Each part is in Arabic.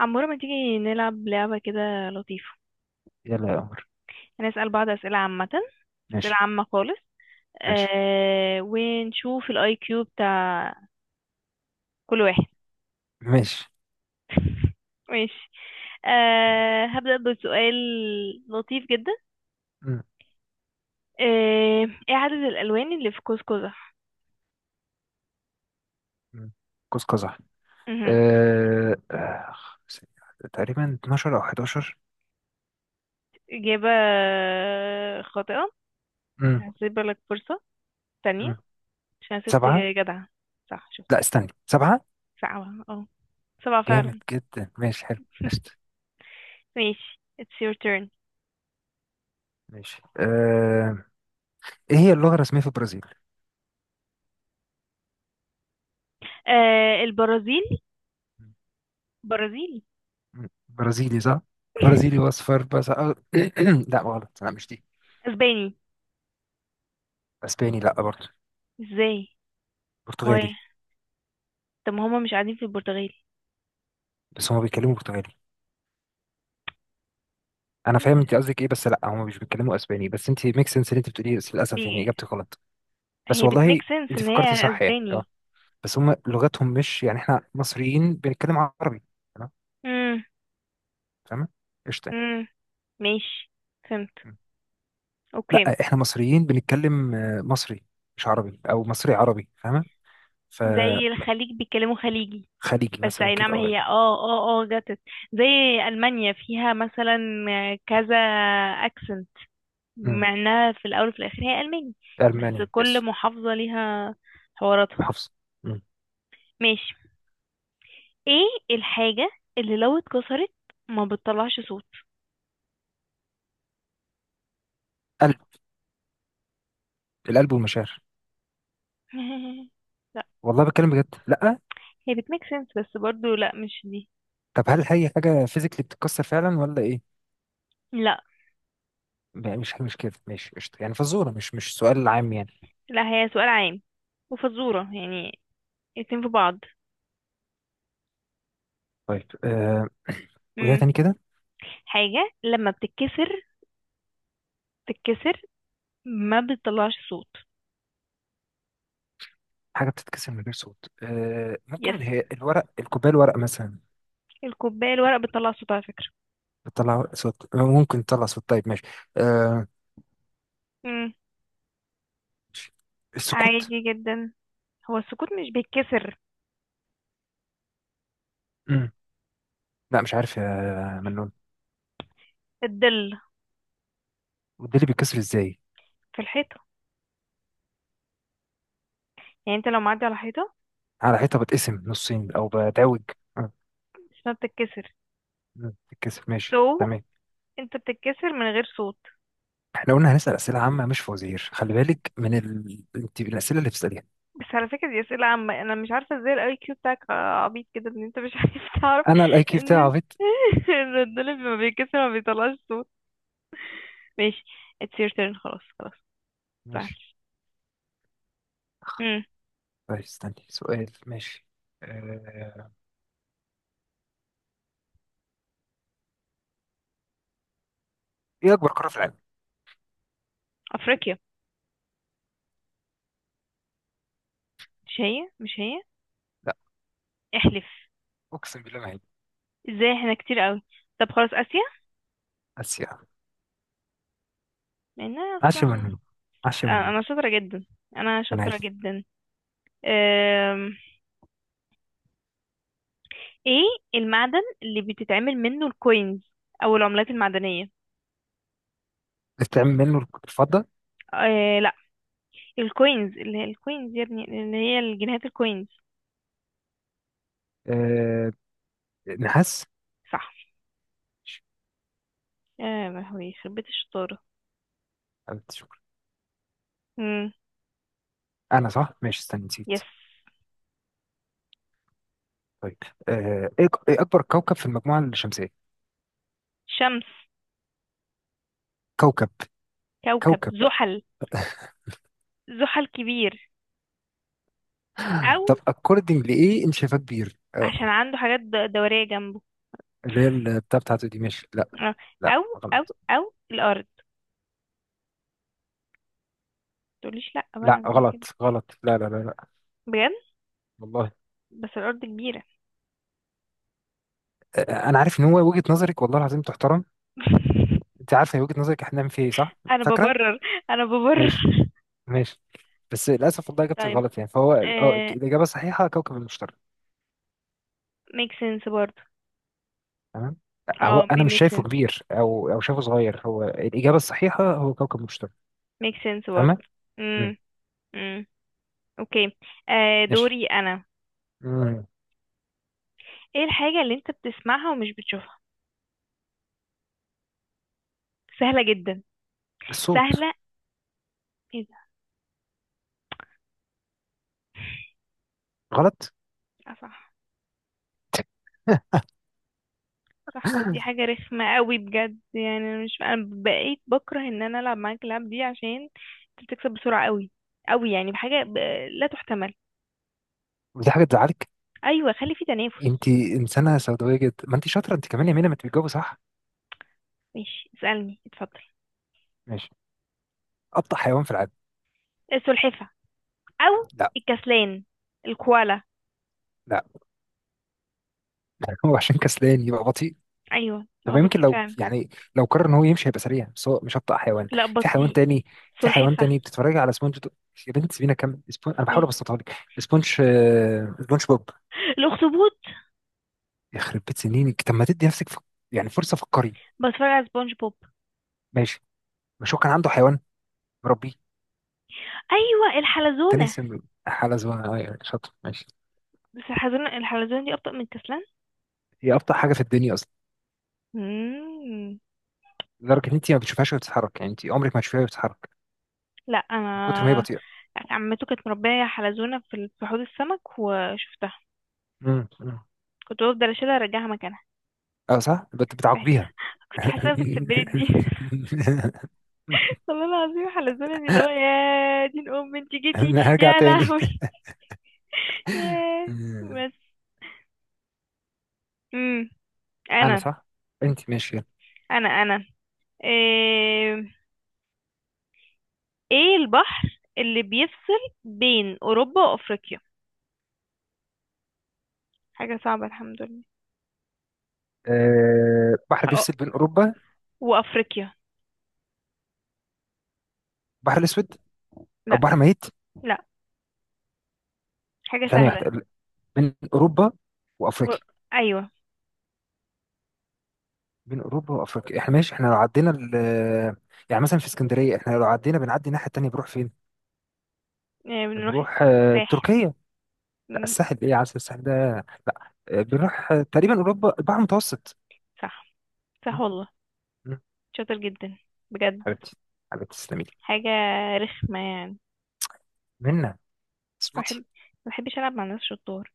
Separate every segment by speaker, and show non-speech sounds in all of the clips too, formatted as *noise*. Speaker 1: عمورة، ما تيجي نلعب لعبة كده لطيفة؟
Speaker 2: يلا يا قمر.
Speaker 1: هنسأل بعض أسئلة عامة. أسئلة
Speaker 2: ماشي.
Speaker 1: عامة خالص.
Speaker 2: ماشي.
Speaker 1: ونشوف الاي كيو بتاع كل واحد.
Speaker 2: ماشي.
Speaker 1: *laughs* ماشي. هبدأ بسؤال لطيف جدا.
Speaker 2: م-
Speaker 1: آه ايه عدد الألوان اللي في قوس قزح؟
Speaker 2: م. قوس قزح.
Speaker 1: مهم.
Speaker 2: أه... آه، تقريبا 12 أو 11.
Speaker 1: إجابة خاطئة.
Speaker 2: م-
Speaker 1: هسيب لك فرصة تانية
Speaker 2: م.
Speaker 1: عشان ست
Speaker 2: سبعة.
Speaker 1: جدعة. صح، شوف.
Speaker 2: لا استني، سبعة.
Speaker 1: سبعة، اه سبعة
Speaker 2: جامد
Speaker 1: فعلا.
Speaker 2: جدا، ماشي حلو. قشطة.
Speaker 1: *laughs* ماشي it's your turn.
Speaker 2: ماشي. إيه هي اللغة الرسمية في البرازيل؟
Speaker 1: البرازيل برازيلي.
Speaker 2: برازيلي صح؟ برازيلي
Speaker 1: *laughs*
Speaker 2: وأصفر بس. *clears throat* لا غلط، لا مش دي.
Speaker 1: اسباني.
Speaker 2: أسباني لا برضه.
Speaker 1: ازاي؟ ما هي،
Speaker 2: برتغالي.
Speaker 1: طب ما هما مش قاعدين في البرتغال؟
Speaker 2: بس هما بيتكلموا برتغالي. أنا
Speaker 1: ايه
Speaker 2: فاهم
Speaker 1: ده؟
Speaker 2: أنت قصدك إيه، بس لا هما مش بيتكلموا أسباني، بس أنت ميك سنس اللي أنت بتقوليه، بس للأسف يعني
Speaker 1: بي...
Speaker 2: إجابتك غلط. بس
Speaker 1: هي بتميك
Speaker 2: والله
Speaker 1: سنس
Speaker 2: انت
Speaker 1: ان
Speaker 2: فكرتي
Speaker 1: هي
Speaker 2: صح يعني
Speaker 1: اسباني.
Speaker 2: بس هم لغتهم مش، يعني احنا مصريين بنتكلم عربي. تمام.
Speaker 1: امم
Speaker 2: فاهمه. قشطه.
Speaker 1: امم ماشي، فهمت.
Speaker 2: مم.
Speaker 1: اوكي.
Speaker 2: لا احنا مصريين بنتكلم مصري. مش عربي او مصري عربي، فاهمه.
Speaker 1: زي
Speaker 2: فخليجي.
Speaker 1: الخليج بيتكلموا خليجي. بس
Speaker 2: مثلا
Speaker 1: اي
Speaker 2: كده
Speaker 1: نعم،
Speaker 2: يعني.
Speaker 1: هي جاتت زي المانيا، فيها مثلا كذا اكسنت،
Speaker 2: مم.
Speaker 1: مع انها في الاول وفي الاخر هي الماني. بس
Speaker 2: الماني
Speaker 1: كل
Speaker 2: يس.
Speaker 1: محافظة ليها حواراتها.
Speaker 2: محافظه. مم.
Speaker 1: ماشي. ايه الحاجة اللي لو اتكسرت ما بتطلعش صوت؟
Speaker 2: قلب. القلب والمشاعر.
Speaker 1: *laughs* لا.
Speaker 2: والله بتكلم بجد، لا.
Speaker 1: هي بتميك سنس بس برضو لا، مش دي.
Speaker 2: طب هل هي حاجه فيزيكلي بتتكسر فعلا ولا ايه؟
Speaker 1: لا
Speaker 2: لا، مش كده. ماشي قشطه، يعني فزوره مش سؤال عام يعني.
Speaker 1: لا، هي سؤال عام وفزورة يعني، الاتنين في بعض.
Speaker 2: طيب. *clears throat* وهي
Speaker 1: مم.
Speaker 2: تاني كده.
Speaker 1: حاجة لما بتتكسر تتكسر ما بتطلعش صوت.
Speaker 2: حاجه بتتكسر من غير صوت،
Speaker 1: يس.
Speaker 2: ممكن هي الورق، الكوبايه الورق مثلا.
Speaker 1: الكوباية الورق بتطلع صوت على فكرة.
Speaker 2: بتطلع صوت، ممكن تطلع صوت، طيب ماشي. آه
Speaker 1: مم.
Speaker 2: السكوت.
Speaker 1: عادي جدا. هو السكوت مش بيتكسر.
Speaker 2: مم. لا مش عارف يا منون.
Speaker 1: الظل.
Speaker 2: وده اللي بيتكسر ازاي؟
Speaker 1: في الحيطة، يعني انت لو معدي على حيطة
Speaker 2: على حيطه بتقسم نصين او بتعوج. آه،
Speaker 1: اسمها بتتكسر.
Speaker 2: مم. بتتكسر، ماشي
Speaker 1: سو
Speaker 2: تمام.
Speaker 1: انت بتتكسر من غير صوت؟
Speaker 2: احنا قلنا هنسال اسئله عامه مش فوازير، خلي بالك انت الاسئله اللي بتساليها.
Speaker 1: بس على فكرة دي أسئلة عامة، أنا مش عارفة ازاي الأي كيو بتاعك عبيط كده إن أنت مش *laughs* عارف تعرف
Speaker 2: انا الاي كيو بتاعي
Speaker 1: إن
Speaker 2: عبيط؟
Speaker 1: *laughs* الردان اللي ما بيتكسر ما بيطلعش صوت. ماشي it's your turn، خلاص خلاص.
Speaker 2: ماشي.
Speaker 1: متزعلش. مم.
Speaker 2: طيب استني سؤال، ماشي. آه... ايه اكبر قاره في العالم؟
Speaker 1: أفريقيا. مش هي، مش هي؟
Speaker 2: لا.
Speaker 1: احلف.
Speaker 2: اقسم بالله ما هي.
Speaker 1: ازاي، احنا كتير قوي. طب خلاص، آسيا.
Speaker 2: اسيا.
Speaker 1: لأن أنا
Speaker 2: عش
Speaker 1: أصلا،
Speaker 2: منه، عش منه.
Speaker 1: أنا شاطرة جدا. أنا
Speaker 2: انا
Speaker 1: شاطرة
Speaker 2: عارف.
Speaker 1: جدا. أم... إيه المعدن اللي بتتعمل منه الكوينز أو العملات المعدنية؟
Speaker 2: بتعمل منه الفضه.
Speaker 1: لا، الكوينز اللي هي الكوينز يا ابني، اللي هي الجنيهات، الكوينز.
Speaker 2: آه... نحاس.
Speaker 1: صح.
Speaker 2: ماشي.
Speaker 1: يا لهوي، يخرب بيت الشطارة.
Speaker 2: أنت شكرا.
Speaker 1: امم.
Speaker 2: انا صح، ماشي استنى نسيت.
Speaker 1: يس.
Speaker 2: طيب. آه... ايه إيه اكبر كوكب في المجموعه الشمسيه؟
Speaker 1: شمس.
Speaker 2: كوكب.
Speaker 1: كوكب
Speaker 2: كوكب.
Speaker 1: زحل. زحل كبير، او
Speaker 2: طب اكوردنج لايه انت شايفاه كبير
Speaker 1: عشان عنده حاجات دورية جنبه.
Speaker 2: اللي هي البتاع بتاعته دي، ماشي لا.
Speaker 1: آه،
Speaker 2: لا
Speaker 1: او او
Speaker 2: غلط.
Speaker 1: او الارض، تقوليش لا
Speaker 2: لا
Speaker 1: بقى زي كده.
Speaker 2: غلط غلط، لا لا لا لا.
Speaker 1: بجد،
Speaker 2: والله.
Speaker 1: بس الارض كبيرة.
Speaker 2: آه... انا عارف ان هو وجهه نظرك، والله العظيم تحترم.
Speaker 1: *laughs*
Speaker 2: انت عارفه هي وجهه نظرك احنا بنعمل فيها ايه، صح؟
Speaker 1: انا
Speaker 2: فاكره.
Speaker 1: ببرر. انا ببرر.
Speaker 2: ماشي.
Speaker 1: *laughs*
Speaker 2: ماشي. بس للاسف والله اجابتك
Speaker 1: طيب.
Speaker 2: غلط، يعني فهو
Speaker 1: آه.
Speaker 2: الاجابه الصحيحه كوكب المشتري.
Speaker 1: ميك سنس برضه.
Speaker 2: تمام. هو
Speaker 1: اه بي
Speaker 2: انا مش
Speaker 1: ميك
Speaker 2: شايفه
Speaker 1: سنس.
Speaker 2: كبير او شايفه صغير، هو الاجابه الصحيحه هو كوكب المشتري.
Speaker 1: ميك سنس برضه.
Speaker 2: تمام. مم.
Speaker 1: امم. امم. اوكي. آه
Speaker 2: ماشي.
Speaker 1: دوري انا.
Speaker 2: مم.
Speaker 1: ايه الحاجة اللي انت بتسمعها ومش بتشوفها؟ سهلة جدا.
Speaker 2: الصوت.
Speaker 1: سهلة. ايه ده؟
Speaker 2: غلط.
Speaker 1: اه صح. صح، ودي
Speaker 2: *laughs*
Speaker 1: حاجة رخمة قوي بجد، يعني انا مش، انا بقيت بكره ان انا العب معاك اللعب دي عشان انت بتكسب بسرعة قوي قوي، يعني بحاجة لا تحتمل.
Speaker 2: ودي حاجه تزعلك؟
Speaker 1: ايوه، خلي في تنافس.
Speaker 2: انت انسانه سوداويه جدا، ما انت شاطره انت كمان يا مينا، ما انت بتجاوبي صح.
Speaker 1: ماشي اسألني، اتفضل.
Speaker 2: ماشي. ابطا حيوان في العالم؟
Speaker 1: السلحفة، او
Speaker 2: لا.
Speaker 1: الكسلان، الكوالا.
Speaker 2: لا. *laughs* هو عشان كسلان يبقى بطيء؟
Speaker 1: ايوه، ما
Speaker 2: طب
Speaker 1: هو
Speaker 2: يمكن
Speaker 1: بطيء
Speaker 2: لو
Speaker 1: فعلا.
Speaker 2: يعني، لو قرر ان هو يمشي هيبقى سريع، بس هو مش ابطأ حيوان.
Speaker 1: لا
Speaker 2: في حيوان
Speaker 1: بطيء.
Speaker 2: تاني. في حيوان
Speaker 1: سلحفة.
Speaker 2: تاني، بتتفرج على يا بنت سيبينا كم سبونج، انا بحاول
Speaker 1: ماشي.
Speaker 2: ابسطها لك. سبونج بوب.
Speaker 1: الاخطبوط.
Speaker 2: يخرب بيت سنينك، طب ما تدي نفسك يعني فرصه، فكري.
Speaker 1: بتفرج على سبونج بوب.
Speaker 2: ماشي. مش هو كان عنده حيوان مربيه،
Speaker 1: ايوه،
Speaker 2: كان
Speaker 1: الحلزونة.
Speaker 2: اسم حاله زمان شاطر؟ ماشي.
Speaker 1: بس الحلزون دي أبطأ من الكسلان.
Speaker 2: هي ابطأ حاجه في الدنيا اصلا،
Speaker 1: مم.
Speaker 2: لدرجه ان انت ما بتشوفهاش وهي بتتحرك، يعني انت عمرك ما هتشوفيها وهي بتتحرك
Speaker 1: لا
Speaker 2: من كتر ما هي
Speaker 1: أنا،
Speaker 2: بطيئه.
Speaker 1: عمته كانت مربية حلزونة في حوض السمك وشفتها.
Speaker 2: امم.
Speaker 1: كنت بفضل أشيلها أرجعها مكانها.
Speaker 2: اه صح،
Speaker 1: بحس
Speaker 2: بتعاقبيها.
Speaker 1: *laughs* كنت حاسة بتسبلت دي.
Speaker 2: *laughs*
Speaker 1: *laughs* والله العظيم حلزونة دي اللي هو يا دين أم انت جيتي.
Speaker 2: *laughs* هرجع
Speaker 1: يا
Speaker 2: تاني.
Speaker 1: لهوي *laughs* يا
Speaker 2: آه،
Speaker 1: بس. مم.
Speaker 2: انا
Speaker 1: أنا
Speaker 2: صح. انت ماشي، يلا.
Speaker 1: أنا. إيه... إيه البحر اللي بيفصل بين أوروبا وأفريقيا؟ حاجة صعبة الحمد لله.
Speaker 2: بحر
Speaker 1: هقول-
Speaker 2: بيفصل بين اوروبا؟
Speaker 1: وأفريقيا.
Speaker 2: بحر الاسود. او
Speaker 1: لا
Speaker 2: بحر ميت.
Speaker 1: لا، حاجة
Speaker 2: ثانيه واحده
Speaker 1: سهلة.
Speaker 2: ال- بين اوروبا
Speaker 1: و-
Speaker 2: وافريقيا.
Speaker 1: أيوة.
Speaker 2: بين اوروبا وافريقيا، احنا ماشي احنا لو عدينا يعني مثلا في اسكندريه احنا لو عدينا، بنعدي الناحيه التانيه بنروح فين؟
Speaker 1: يعني بنروح
Speaker 2: بنروح
Speaker 1: الساحل.
Speaker 2: تركيا؟ لا
Speaker 1: مم،
Speaker 2: الساحل ايه يا عسل، الساحل ده؟ لا بنروح تقريبا اوروبا، البحر المتوسط.
Speaker 1: صح. صح
Speaker 2: م-
Speaker 1: والله.
Speaker 2: م-
Speaker 1: شاطر جدا بجد.
Speaker 2: حبيبتي، حبيبتي تسلمي لي.
Speaker 1: حاجة رخمة يعني.
Speaker 2: منا. صوتي.
Speaker 1: ما بحبش ألعب مع ناس شطار.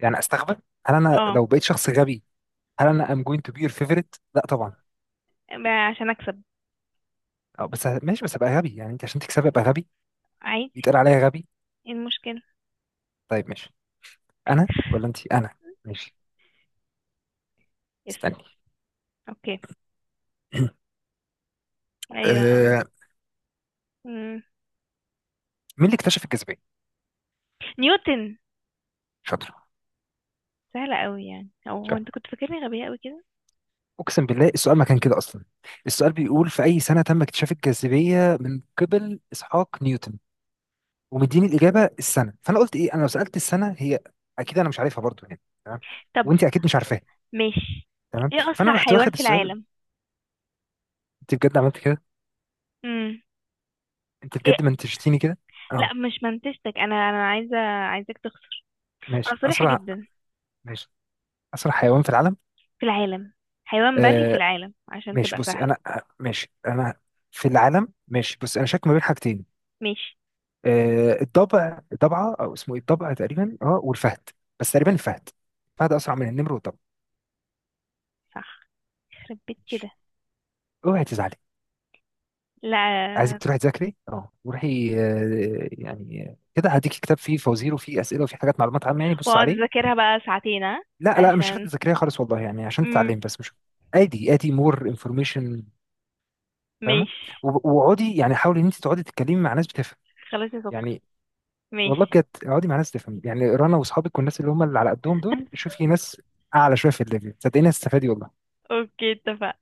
Speaker 2: يعني استغبى؟ هل انا
Speaker 1: اه.
Speaker 2: لو بقيت شخص غبي، هل انا ام جوينت تو بي يور فيفورت؟ لا طبعا.
Speaker 1: عشان أكسب.
Speaker 2: أو بس ماشي، بس ابقى غبي يعني، انت عشان تكسبي ابقى غبي
Speaker 1: عادي.
Speaker 2: يتقال عليا غبي؟
Speaker 1: ايه المشكلة.
Speaker 2: طيب ماشي. انا ولا انت؟ انا. ماشي
Speaker 1: يس
Speaker 2: استني.
Speaker 1: اوكي.
Speaker 2: *clears throat*
Speaker 1: أيوة.
Speaker 2: آه
Speaker 1: مم.
Speaker 2: مين اللي اكتشف الجاذبيه؟
Speaker 1: نيوتن.
Speaker 2: شاطر.
Speaker 1: سهلة أوي يعني، أو هو
Speaker 2: شاطر.
Speaker 1: أنت كنت فاكرني غبية أوي كده.
Speaker 2: اقسم بالله السؤال ما كان كده اصلا. السؤال بيقول في اي سنه تم اكتشاف الجاذبيه من قبل اسحاق نيوتن، ومديني الاجابه السنه. فانا قلت ايه، انا لو سالت السنه هي اكيد انا مش عارفها برضو، يعني تمام.
Speaker 1: طب
Speaker 2: وانت اكيد مش عارفاها،
Speaker 1: ماشي.
Speaker 2: تمام.
Speaker 1: ايه
Speaker 2: فانا
Speaker 1: أسرع
Speaker 2: رحت
Speaker 1: حيوان
Speaker 2: واخد
Speaker 1: في
Speaker 2: السؤال.
Speaker 1: العالم؟
Speaker 2: انت بجد عملت كده؟
Speaker 1: مم.
Speaker 2: انت
Speaker 1: إيه؟
Speaker 2: بجد منتجتيني كده؟
Speaker 1: لا
Speaker 2: اه.
Speaker 1: مش منتشتك، انا عايزه، عايزاك تخسر.
Speaker 2: ماشي
Speaker 1: انا صريحه
Speaker 2: اسرع.
Speaker 1: جدا.
Speaker 2: ماشي. اسرع حيوان في العالم.
Speaker 1: في العالم، حيوان بري في
Speaker 2: آه
Speaker 1: العالم عشان
Speaker 2: ماشي
Speaker 1: تبقى
Speaker 2: بصي
Speaker 1: سهل.
Speaker 2: انا، ماشي انا في العالم، ماشي بصي انا شاك ما بين حاجتين.
Speaker 1: ماشي.
Speaker 2: آه الضبع، الضبعه او اسمه ايه، الضبع تقريبا والفهد. بس تقريبا الفهد. الفهد اسرع من النمر والضبع.
Speaker 1: صح، يخرب بيت كده.
Speaker 2: ماشي. اوعي تزعلي. عايزك
Speaker 1: لا.
Speaker 2: تروحي تذاكري، روحي، يعني كده هديك كتاب فيه فوازير وفيه اسئله وفيه حاجات معلومات عامه، يعني بص
Speaker 1: واقعد
Speaker 2: عليه.
Speaker 1: اذاكرها بقى ساعتين ها.
Speaker 2: لا لا، مش شرط
Speaker 1: عشان
Speaker 2: تذاكريها خالص والله، يعني عشان
Speaker 1: امم
Speaker 2: تتعلمي بس مش، ادي مور انفورميشن، فاهمه.
Speaker 1: ماشي.
Speaker 2: واقعدي يعني حاولي ان انت تقعدي تتكلمي مع ناس بتفهم
Speaker 1: خلاص يا سكر.
Speaker 2: يعني، والله
Speaker 1: ماشي.
Speaker 2: بجد اقعدي مع ناس تفهم يعني رنا واصحابك، والناس اللي هم اللي على قدهم دول،
Speaker 1: *laughs*
Speaker 2: شوفي ناس اعلى شويه في الليفل، صدقيني هتستفادي والله.
Speaker 1: اوكي اتفقنا.